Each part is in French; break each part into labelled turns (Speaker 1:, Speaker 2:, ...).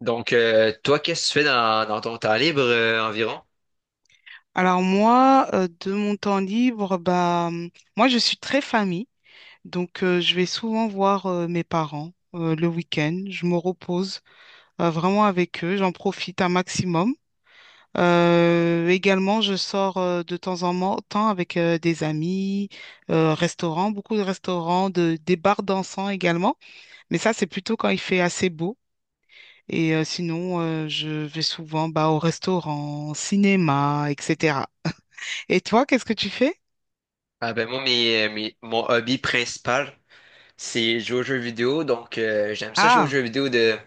Speaker 1: Donc, toi, qu'est-ce que tu fais dans ton temps libre environ?
Speaker 2: Alors moi, de mon temps libre, moi je suis très famille, donc je vais souvent voir mes parents le week-end. Je me repose vraiment avec eux, j'en profite un maximum. Également, je sors de temps avec des amis, restaurants, beaucoup de restaurants, des bars dansants également. Mais ça, c'est plutôt quand il fait assez beau. Et sinon, je vais souvent bah, au restaurant, cinéma, etc. Et toi, qu'est-ce que tu fais?
Speaker 1: Ah ben moi, mon hobby principal, c'est jouer aux jeux vidéo. Donc, j'aime ça jouer aux
Speaker 2: Ah,
Speaker 1: jeux vidéo de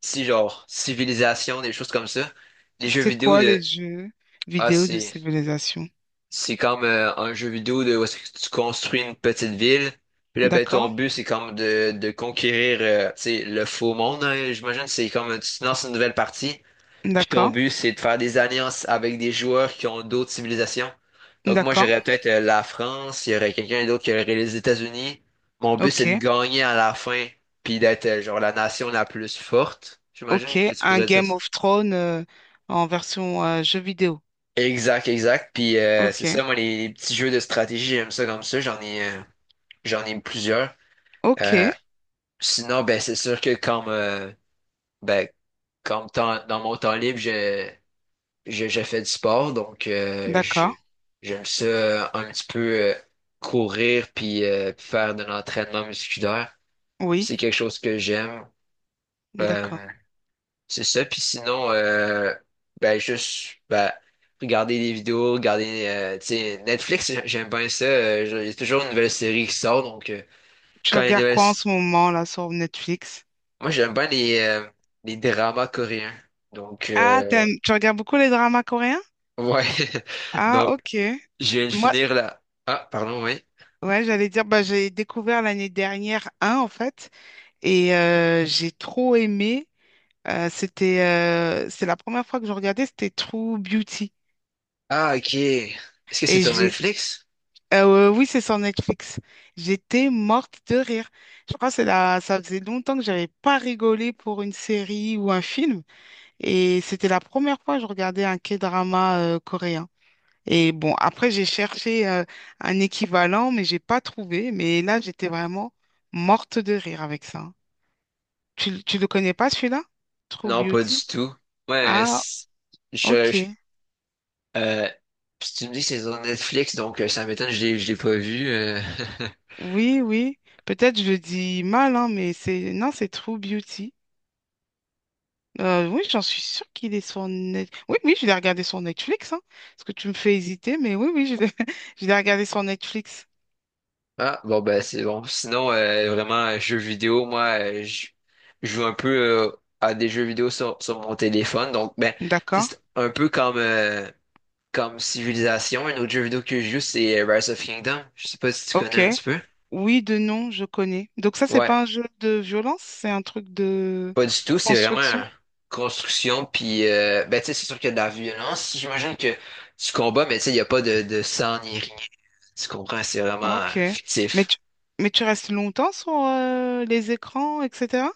Speaker 1: si genre civilisation, des choses comme ça. Les jeux
Speaker 2: c'est
Speaker 1: vidéo
Speaker 2: quoi les
Speaker 1: de
Speaker 2: jeux
Speaker 1: Ah,
Speaker 2: vidéo de
Speaker 1: c'est
Speaker 2: civilisation?
Speaker 1: comme un jeu vidéo de où est-ce que tu construis une petite ville. Puis là, ben
Speaker 2: D'accord,
Speaker 1: ton but, c'est comme de conquérir tu sais, le faux monde, hein. J'imagine que c'est comme tu te lances une nouvelle partie. Puis ton
Speaker 2: d'accord,
Speaker 1: but, c'est de faire des alliances avec des joueurs qui ont d'autres civilisations. Donc moi,
Speaker 2: d'accord.
Speaker 1: j'aurais peut-être la France, il y aurait quelqu'un d'autre qui aurait les États-Unis. Mon but,
Speaker 2: Ok,
Speaker 1: c'est de gagner à la fin, puis d'être genre la nation la plus forte. J'imagine que
Speaker 2: ok.
Speaker 1: tu
Speaker 2: Un
Speaker 1: pourrais dire
Speaker 2: Game
Speaker 1: ça.
Speaker 2: of Thrones en version jeu vidéo.
Speaker 1: Exact, exact. Puis c'est
Speaker 2: Ok,
Speaker 1: ça, moi, les petits jeux de stratégie, j'aime ça comme ça. J'en ai plusieurs.
Speaker 2: ok,
Speaker 1: Euh, Sinon, ben c'est sûr que comme, ben, comme temps- dans mon temps libre, je fais du sport, donc
Speaker 2: d'accord.
Speaker 1: j'aime ça un petit peu courir puis faire de l'entraînement musculaire. C'est
Speaker 2: Oui,
Speaker 1: quelque chose que j'aime.
Speaker 2: d'accord.
Speaker 1: Euh, c'est ça. Puis sinon, ben juste ben, regarder des vidéos, regarder tu sais, Netflix, j'aime bien ça. Il y a toujours une nouvelle série qui sort, donc
Speaker 2: Tu
Speaker 1: quand il y a une
Speaker 2: regardes
Speaker 1: nouvelle...
Speaker 2: quoi en
Speaker 1: s-
Speaker 2: ce moment là sur Netflix?
Speaker 1: Moi, j'aime bien les dramas coréens. Donc,
Speaker 2: Ah, t'aimes, tu regardes beaucoup les dramas coréens?
Speaker 1: ouais.
Speaker 2: Ah,
Speaker 1: Donc,
Speaker 2: ok.
Speaker 1: je viens de
Speaker 2: Moi,
Speaker 1: finir là. Ah, pardon, oui.
Speaker 2: ouais, j'allais dire, bah, j'ai découvert l'année dernière un en fait, et j'ai trop aimé. C'est la première fois que je regardais, c'était True Beauty.
Speaker 1: Ah, ok. Est-ce que c'est
Speaker 2: Et
Speaker 1: sur Netflix?
Speaker 2: oui, c'est sur Netflix. J'étais morte de rire. Je crois que c'est la, ça faisait longtemps que j'avais pas rigolé pour une série ou un film. Et c'était la première fois que je regardais un K-drama, coréen. Et bon, après, j'ai cherché, un équivalent, mais j'ai pas trouvé. Mais là, j'étais vraiment morte de rire avec ça. Tu le connais pas, celui-là? True
Speaker 1: Non, pas du
Speaker 2: Beauty?
Speaker 1: tout. Ouais,
Speaker 2: Ah,
Speaker 1: je,
Speaker 2: ok.
Speaker 1: je- euh, si tu me dis que c'est sur Netflix, donc ça m'étonne, je l'ai pas vu.
Speaker 2: Oui, oui. Peut-être je le dis mal, hein, mais c'est non, c'est True Beauty. Oui, j'en suis sûre qu'il est sur Net... Oui, oui, je l'ai regardé sur Netflix, hein, parce que tu me fais hésiter, mais oui, oui, je l'ai je l'ai regardé sur Netflix.
Speaker 1: Ah, bon, ben, c'est bon. Sinon, vraiment, jeux vidéo, moi, je joue un peu euh, à des jeux vidéo sur mon téléphone. Donc, ben, tu
Speaker 2: D'accord.
Speaker 1: sais, c'est un peu comme Civilization. Un autre jeu vidéo que je joue, c'est Rise of Kingdom. Je sais pas si tu connais
Speaker 2: Ok.
Speaker 1: un petit peu.
Speaker 2: Oui, de nom, je connais. Donc ça, c'est
Speaker 1: Ouais.
Speaker 2: pas un jeu de violence, c'est un truc de
Speaker 1: Pas du tout, c'est vraiment
Speaker 2: construction.
Speaker 1: construction, puis ben, tu sais, c'est sûr qu'il y a de la violence. J'imagine que tu combats, mais tu sais, il n'y a pas de sang ni rien. Tu comprends, c'est vraiment
Speaker 2: Ok. Mais
Speaker 1: fictif.
Speaker 2: tu, mais tu restes longtemps sur les écrans, etc.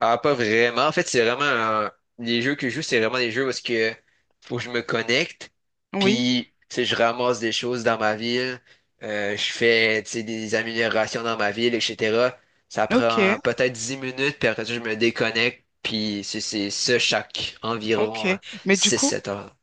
Speaker 1: Ah, pas vraiment. En fait, c'est vraiment, les jeux que je joue, c'est vraiment des jeux où est-ce que faut que je me connecte,
Speaker 2: Oui.
Speaker 1: puis tu sais, je ramasse des choses dans ma ville, je fais tu sais, des améliorations dans ma ville, etc. Ça prend
Speaker 2: Ok.
Speaker 1: peut-être 10 minutes, puis après ça, je me déconnecte, puis c'est ça chaque
Speaker 2: Ok.
Speaker 1: environ
Speaker 2: Mais du
Speaker 1: six
Speaker 2: coup,
Speaker 1: sept heures.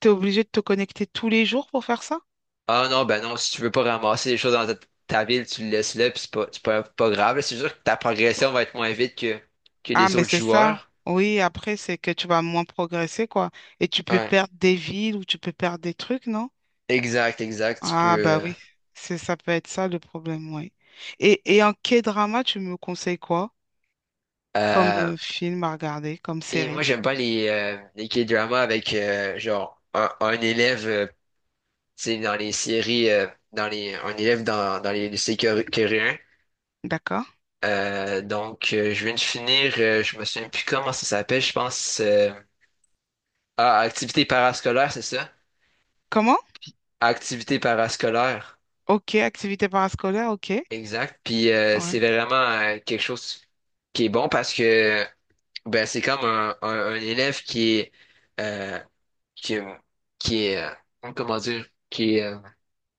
Speaker 2: tu es obligé de te connecter tous les jours pour faire ça?
Speaker 1: Ah non, ben non, si tu veux pas ramasser les choses dans ta ville, tu le laisses là, puis c'est pas grave, là. C'est sûr que ta progression va être moins vite que
Speaker 2: Ah,
Speaker 1: les
Speaker 2: mais
Speaker 1: autres
Speaker 2: c'est ça.
Speaker 1: joueurs.
Speaker 2: Oui, après, c'est que tu vas moins progresser, quoi. Et tu peux
Speaker 1: Ouais.
Speaker 2: perdre des villes ou tu peux perdre des trucs, non?
Speaker 1: Exact, exact. Tu peux.
Speaker 2: Ah, bah oui, c'est ça peut être ça le problème, oui. Et en K-drama, tu me conseilles quoi comme
Speaker 1: Euh,
Speaker 2: film à regarder, comme
Speaker 1: et moi,
Speaker 2: série?
Speaker 1: j'aime pas les K-dramas avec genre un élève, tu sais, dans les séries, un élève dans les lycées coréens.
Speaker 2: D'accord?
Speaker 1: Donc, je viens de finir, je me souviens plus comment ça s'appelle, je pense. Ah, activité parascolaire, c'est ça?
Speaker 2: Comment?
Speaker 1: Activité parascolaire.
Speaker 2: Ok, activité parascolaire, ok.
Speaker 1: Exact. Puis c'est
Speaker 2: Ouais.
Speaker 1: vraiment quelque chose qui est bon parce que ben c'est comme un, un élève qui est euh, qui, qui est comment dire qui est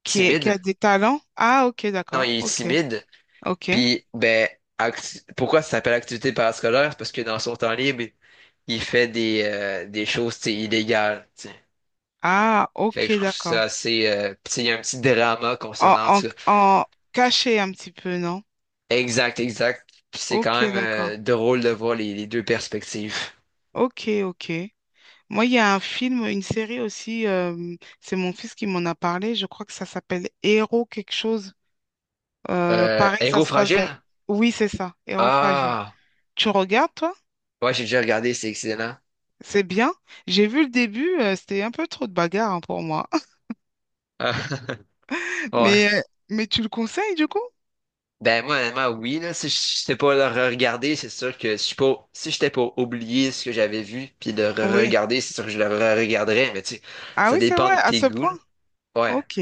Speaker 2: Qui a
Speaker 1: timide.
Speaker 2: des talents? Ah, ok,
Speaker 1: Non,
Speaker 2: d'accord.
Speaker 1: il est
Speaker 2: Ok,
Speaker 1: timide.
Speaker 2: ok.
Speaker 1: Puis ben pourquoi ça s'appelle activité parascolaire? C'est parce que dans son temps libre, il fait des choses tu sais, illégales, tu sais.
Speaker 2: Ah,
Speaker 1: Fait que je
Speaker 2: ok,
Speaker 1: trouve
Speaker 2: d'accord.
Speaker 1: ça assez. Puis tu sais, il y a un petit drama
Speaker 2: En,
Speaker 1: concernant
Speaker 2: en,
Speaker 1: ça.
Speaker 2: en caché un petit peu, non?
Speaker 1: Exact, exact. Puis c'est quand
Speaker 2: Ok,
Speaker 1: même
Speaker 2: d'accord.
Speaker 1: drôle de voir les deux perspectives.
Speaker 2: Ok, ok. Moi, il y a un film, une série aussi, c'est mon fils qui m'en a parlé, je crois que ça s'appelle Héros quelque chose. Pareil, ça
Speaker 1: Héros
Speaker 2: se passe
Speaker 1: fragile?
Speaker 2: dans... Oui, c'est ça, Héros fragile.
Speaker 1: Ah,
Speaker 2: Tu regardes, toi?
Speaker 1: ouais, j'ai déjà regardé, c'est excellent.
Speaker 2: C'est bien. J'ai vu le début, c'était un peu trop de bagarre hein, pour moi.
Speaker 1: Ah, ouais.
Speaker 2: Mais, euh, mais tu le conseilles, du coup?
Speaker 1: Ben moi, honnêtement, oui, là, si j'étais pas le regarder c'est sûr que si j'étais pas oublié ce que j'avais vu, puis le
Speaker 2: Oui.
Speaker 1: re-regarder, c'est sûr que je le re-regarderais, mais tu sais,
Speaker 2: Ah
Speaker 1: ça
Speaker 2: oui, c'est
Speaker 1: dépend de
Speaker 2: vrai, à
Speaker 1: tes
Speaker 2: ce
Speaker 1: goûts, là.
Speaker 2: point.
Speaker 1: Ouais.
Speaker 2: Ok.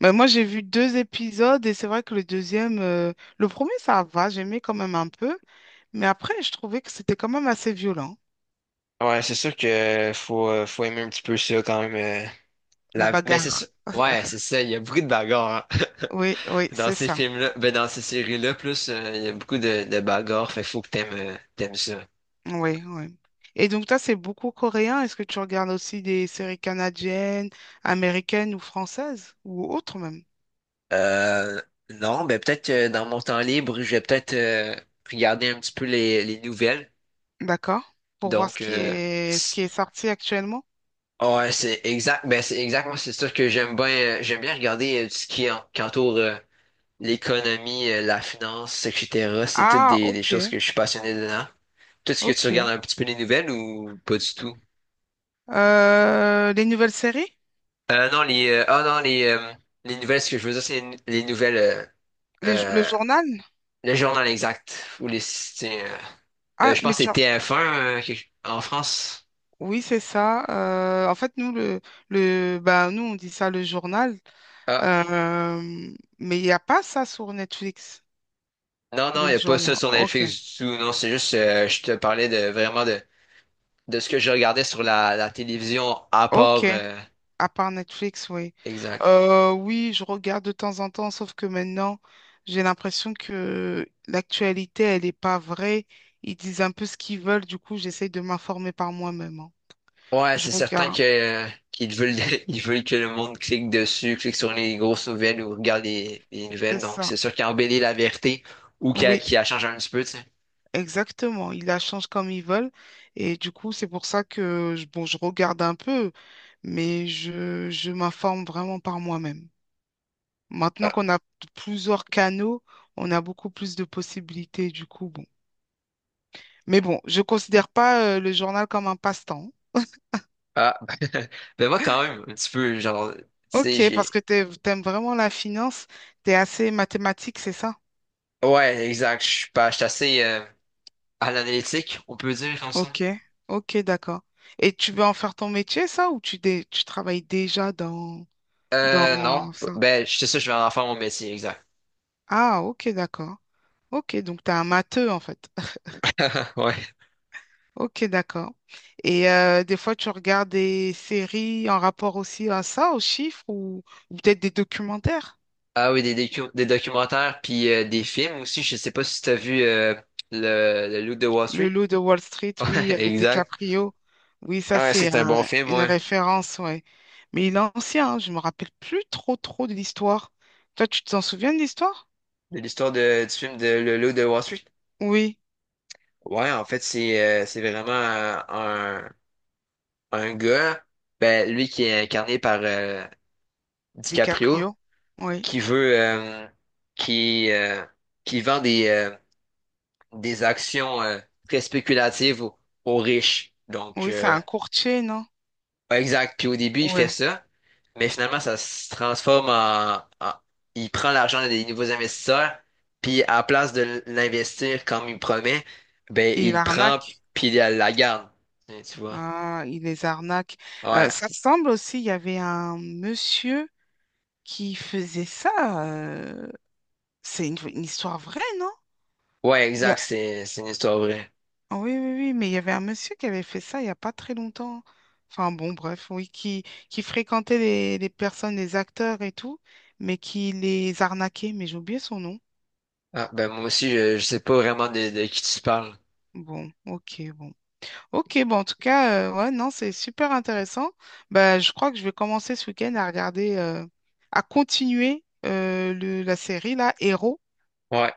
Speaker 2: Mais moi, j'ai vu deux épisodes et c'est vrai que le deuxième, le premier, ça va, j'aimais quand même un peu. Mais après, je trouvais que c'était quand même assez violent,
Speaker 1: Ouais, c'est sûr que faut aimer un petit peu ça quand même. euh,
Speaker 2: la
Speaker 1: Mais c'est sûr.
Speaker 2: bagarre.
Speaker 1: Ouais, c'est ça, il y a beaucoup de bagarres, hein.
Speaker 2: Oui, oui,
Speaker 1: Dans
Speaker 2: c'est
Speaker 1: ces
Speaker 2: ça.
Speaker 1: films-là, ben dans ces séries-là, plus il y a beaucoup de bagarres, fait que faut que t'aimes ça.
Speaker 2: Oui, oui. Et donc, toi, c'est beaucoup coréen. Est-ce que tu regardes aussi des séries canadiennes, américaines ou françaises ou autres même?
Speaker 1: Euh, non, mais peut-être que dans mon temps libre, je vais peut-être regarder un petit peu les nouvelles.
Speaker 2: D'accord. Pour voir
Speaker 1: Donc,
Speaker 2: ce qui
Speaker 1: c-
Speaker 2: est sorti actuellement.
Speaker 1: ouais, c'est exact. Ben, c'est exactement, c'est sûr que j'aime bien regarder tout ce qui est qui entoure l'économie, la finance, etc. C'est toutes
Speaker 2: Ah,
Speaker 1: des
Speaker 2: ok,
Speaker 1: choses que je suis passionné dedans. Tout ce que
Speaker 2: ok.
Speaker 1: tu regardes un petit peu les nouvelles ou pas du tout?
Speaker 2: Les nouvelles séries?
Speaker 1: Non, les, ah non, les nouvelles, ce que je veux dire, c'est les nouvelles,
Speaker 2: Le
Speaker 1: euh,
Speaker 2: journal?
Speaker 1: le journal exact ou les, c'est.
Speaker 2: Ah,
Speaker 1: Je
Speaker 2: mais
Speaker 1: pense que
Speaker 2: tu
Speaker 1: c'est
Speaker 2: as-
Speaker 1: TF1, en France.
Speaker 2: Oui, c'est ça. En fait, nous, nous, on dit ça le journal.
Speaker 1: Ah,
Speaker 2: Euh, mais il n'y a pas ça sur Netflix,
Speaker 1: non, non, il
Speaker 2: le
Speaker 1: n'y a pas ça
Speaker 2: journal.
Speaker 1: sur
Speaker 2: Ok.
Speaker 1: Netflix du tout. Non, c'est juste, je te parlais de vraiment de ce que je regardais sur la télévision à
Speaker 2: Ok,
Speaker 1: part,
Speaker 2: à part Netflix, oui.
Speaker 1: exact.
Speaker 2: Oui, je regarde de temps en temps, sauf que maintenant, j'ai l'impression que l'actualité, elle n'est pas vraie. Ils disent un peu ce qu'ils veulent, du coup, j'essaye de m'informer par moi-même, hein.
Speaker 1: Ouais,
Speaker 2: Je
Speaker 1: c'est certain
Speaker 2: regarde,
Speaker 1: que qu'ils veulent, ils veulent que le monde clique dessus, clique sur les grosses nouvelles ou regarde les nouvelles.
Speaker 2: c'est
Speaker 1: Donc,
Speaker 2: ça.
Speaker 1: c'est sûr qu'ils embellit la vérité ou qu'il a,
Speaker 2: Oui,
Speaker 1: qu'il a changé un petit peu, tu sais.
Speaker 2: exactement. Ils la changent comme ils veulent. Et du coup, c'est pour ça que, bon, je regarde un peu, je m'informe vraiment par moi-même. Maintenant
Speaker 1: Ah,
Speaker 2: qu'on a plusieurs canaux, on a beaucoup plus de possibilités, du coup, bon. Mais bon, je considère pas le journal comme un passe-temps.
Speaker 1: ah. Ben moi, quand même, un petit peu, genre, tu sais,
Speaker 2: Ok, parce
Speaker 1: j'ai...
Speaker 2: que t'aimes vraiment la finance, t'es assez mathématique, c'est ça?
Speaker 1: Ouais, exact. Je suis pas, Je suis assez, à l'analytique, on peut dire comme ça.
Speaker 2: Ok, ok, d'accord. Et tu veux en faire ton métier, ça, ou tu travailles déjà dans,
Speaker 1: Non.
Speaker 2: dans ça?
Speaker 1: Ben, je sais ça, je vais en faire mon métier, exact.
Speaker 2: Ah, ok, d'accord. Ok, donc t'es un matheux, en fait.
Speaker 1: Ouais.
Speaker 2: Ok, d'accord. Et des fois, tu regardes des séries en rapport aussi à ça, aux chiffres, ou peut-être des documentaires?
Speaker 1: Ah oui, des documentaires, puis des films aussi. Je sais pas si t'as vu le Loup de Wall
Speaker 2: Le
Speaker 1: Street.
Speaker 2: loup de Wall Street, oui,
Speaker 1: Ouais,
Speaker 2: avec
Speaker 1: exact.
Speaker 2: DiCaprio. Oui, ça,
Speaker 1: Ah, ouais, c'est un bon film,
Speaker 2: une
Speaker 1: ouais.
Speaker 2: référence, ouais. Mais il est ancien, hein, je me rappelle plus trop de l'histoire. Toi, tu t'en souviens de l'histoire?
Speaker 1: De l'histoire du film de Le Loup de Wall Street.
Speaker 2: Oui,
Speaker 1: Ouais, en fait, c'est vraiment un, gars, ben, lui qui est incarné par DiCaprio,
Speaker 2: DiCaprio. Oui,
Speaker 1: qui veut, euh, qui, euh, qui vend des actions très spéculatives aux riches. Donc,
Speaker 2: oui, c'est un courtier, non?
Speaker 1: ouais, exact. Puis au début, il fait
Speaker 2: Ouais.
Speaker 1: ça, mais finalement, ça se transforme il prend l'argent des nouveaux investisseurs, puis à la place de l'investir comme il promet, ben
Speaker 2: Il
Speaker 1: il le prend
Speaker 2: arnaque.
Speaker 1: puis il la garde. Tu vois.
Speaker 2: Ah, il les arnaque.
Speaker 1: Ouais,
Speaker 2: Ça semble aussi, il y avait un monsieur qui faisait ça. euh, C'est une histoire vraie, non?
Speaker 1: ouais,
Speaker 2: Il
Speaker 1: exact. C'est une histoire vraie.
Speaker 2: Oui, oui, oui, mais il y avait un monsieur qui avait fait ça il n'y a pas très longtemps. Enfin bon, bref, qui fréquentait les personnes, les acteurs et tout, mais qui les arnaquait, mais j'ai oublié son nom.
Speaker 1: Ah, ben moi aussi, je sais pas vraiment de qui tu parles.
Speaker 2: Bon, ok, bon. Ok, bon, en tout cas, ouais, non, c'est super intéressant. Bah, je crois que je vais commencer ce week-end à regarder, la série, là, Héros,
Speaker 1: Ouais,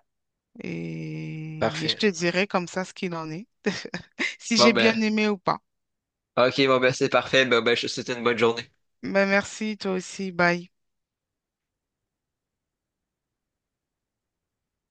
Speaker 2: et je
Speaker 1: parfait.
Speaker 2: te dirai comme ça ce qu'il en est, si j'ai
Speaker 1: Bon
Speaker 2: bien
Speaker 1: ben,
Speaker 2: aimé ou pas.
Speaker 1: ok, c'est parfait. Ben, je te souhaite une bonne journée.
Speaker 2: Bah, merci, toi aussi, bye.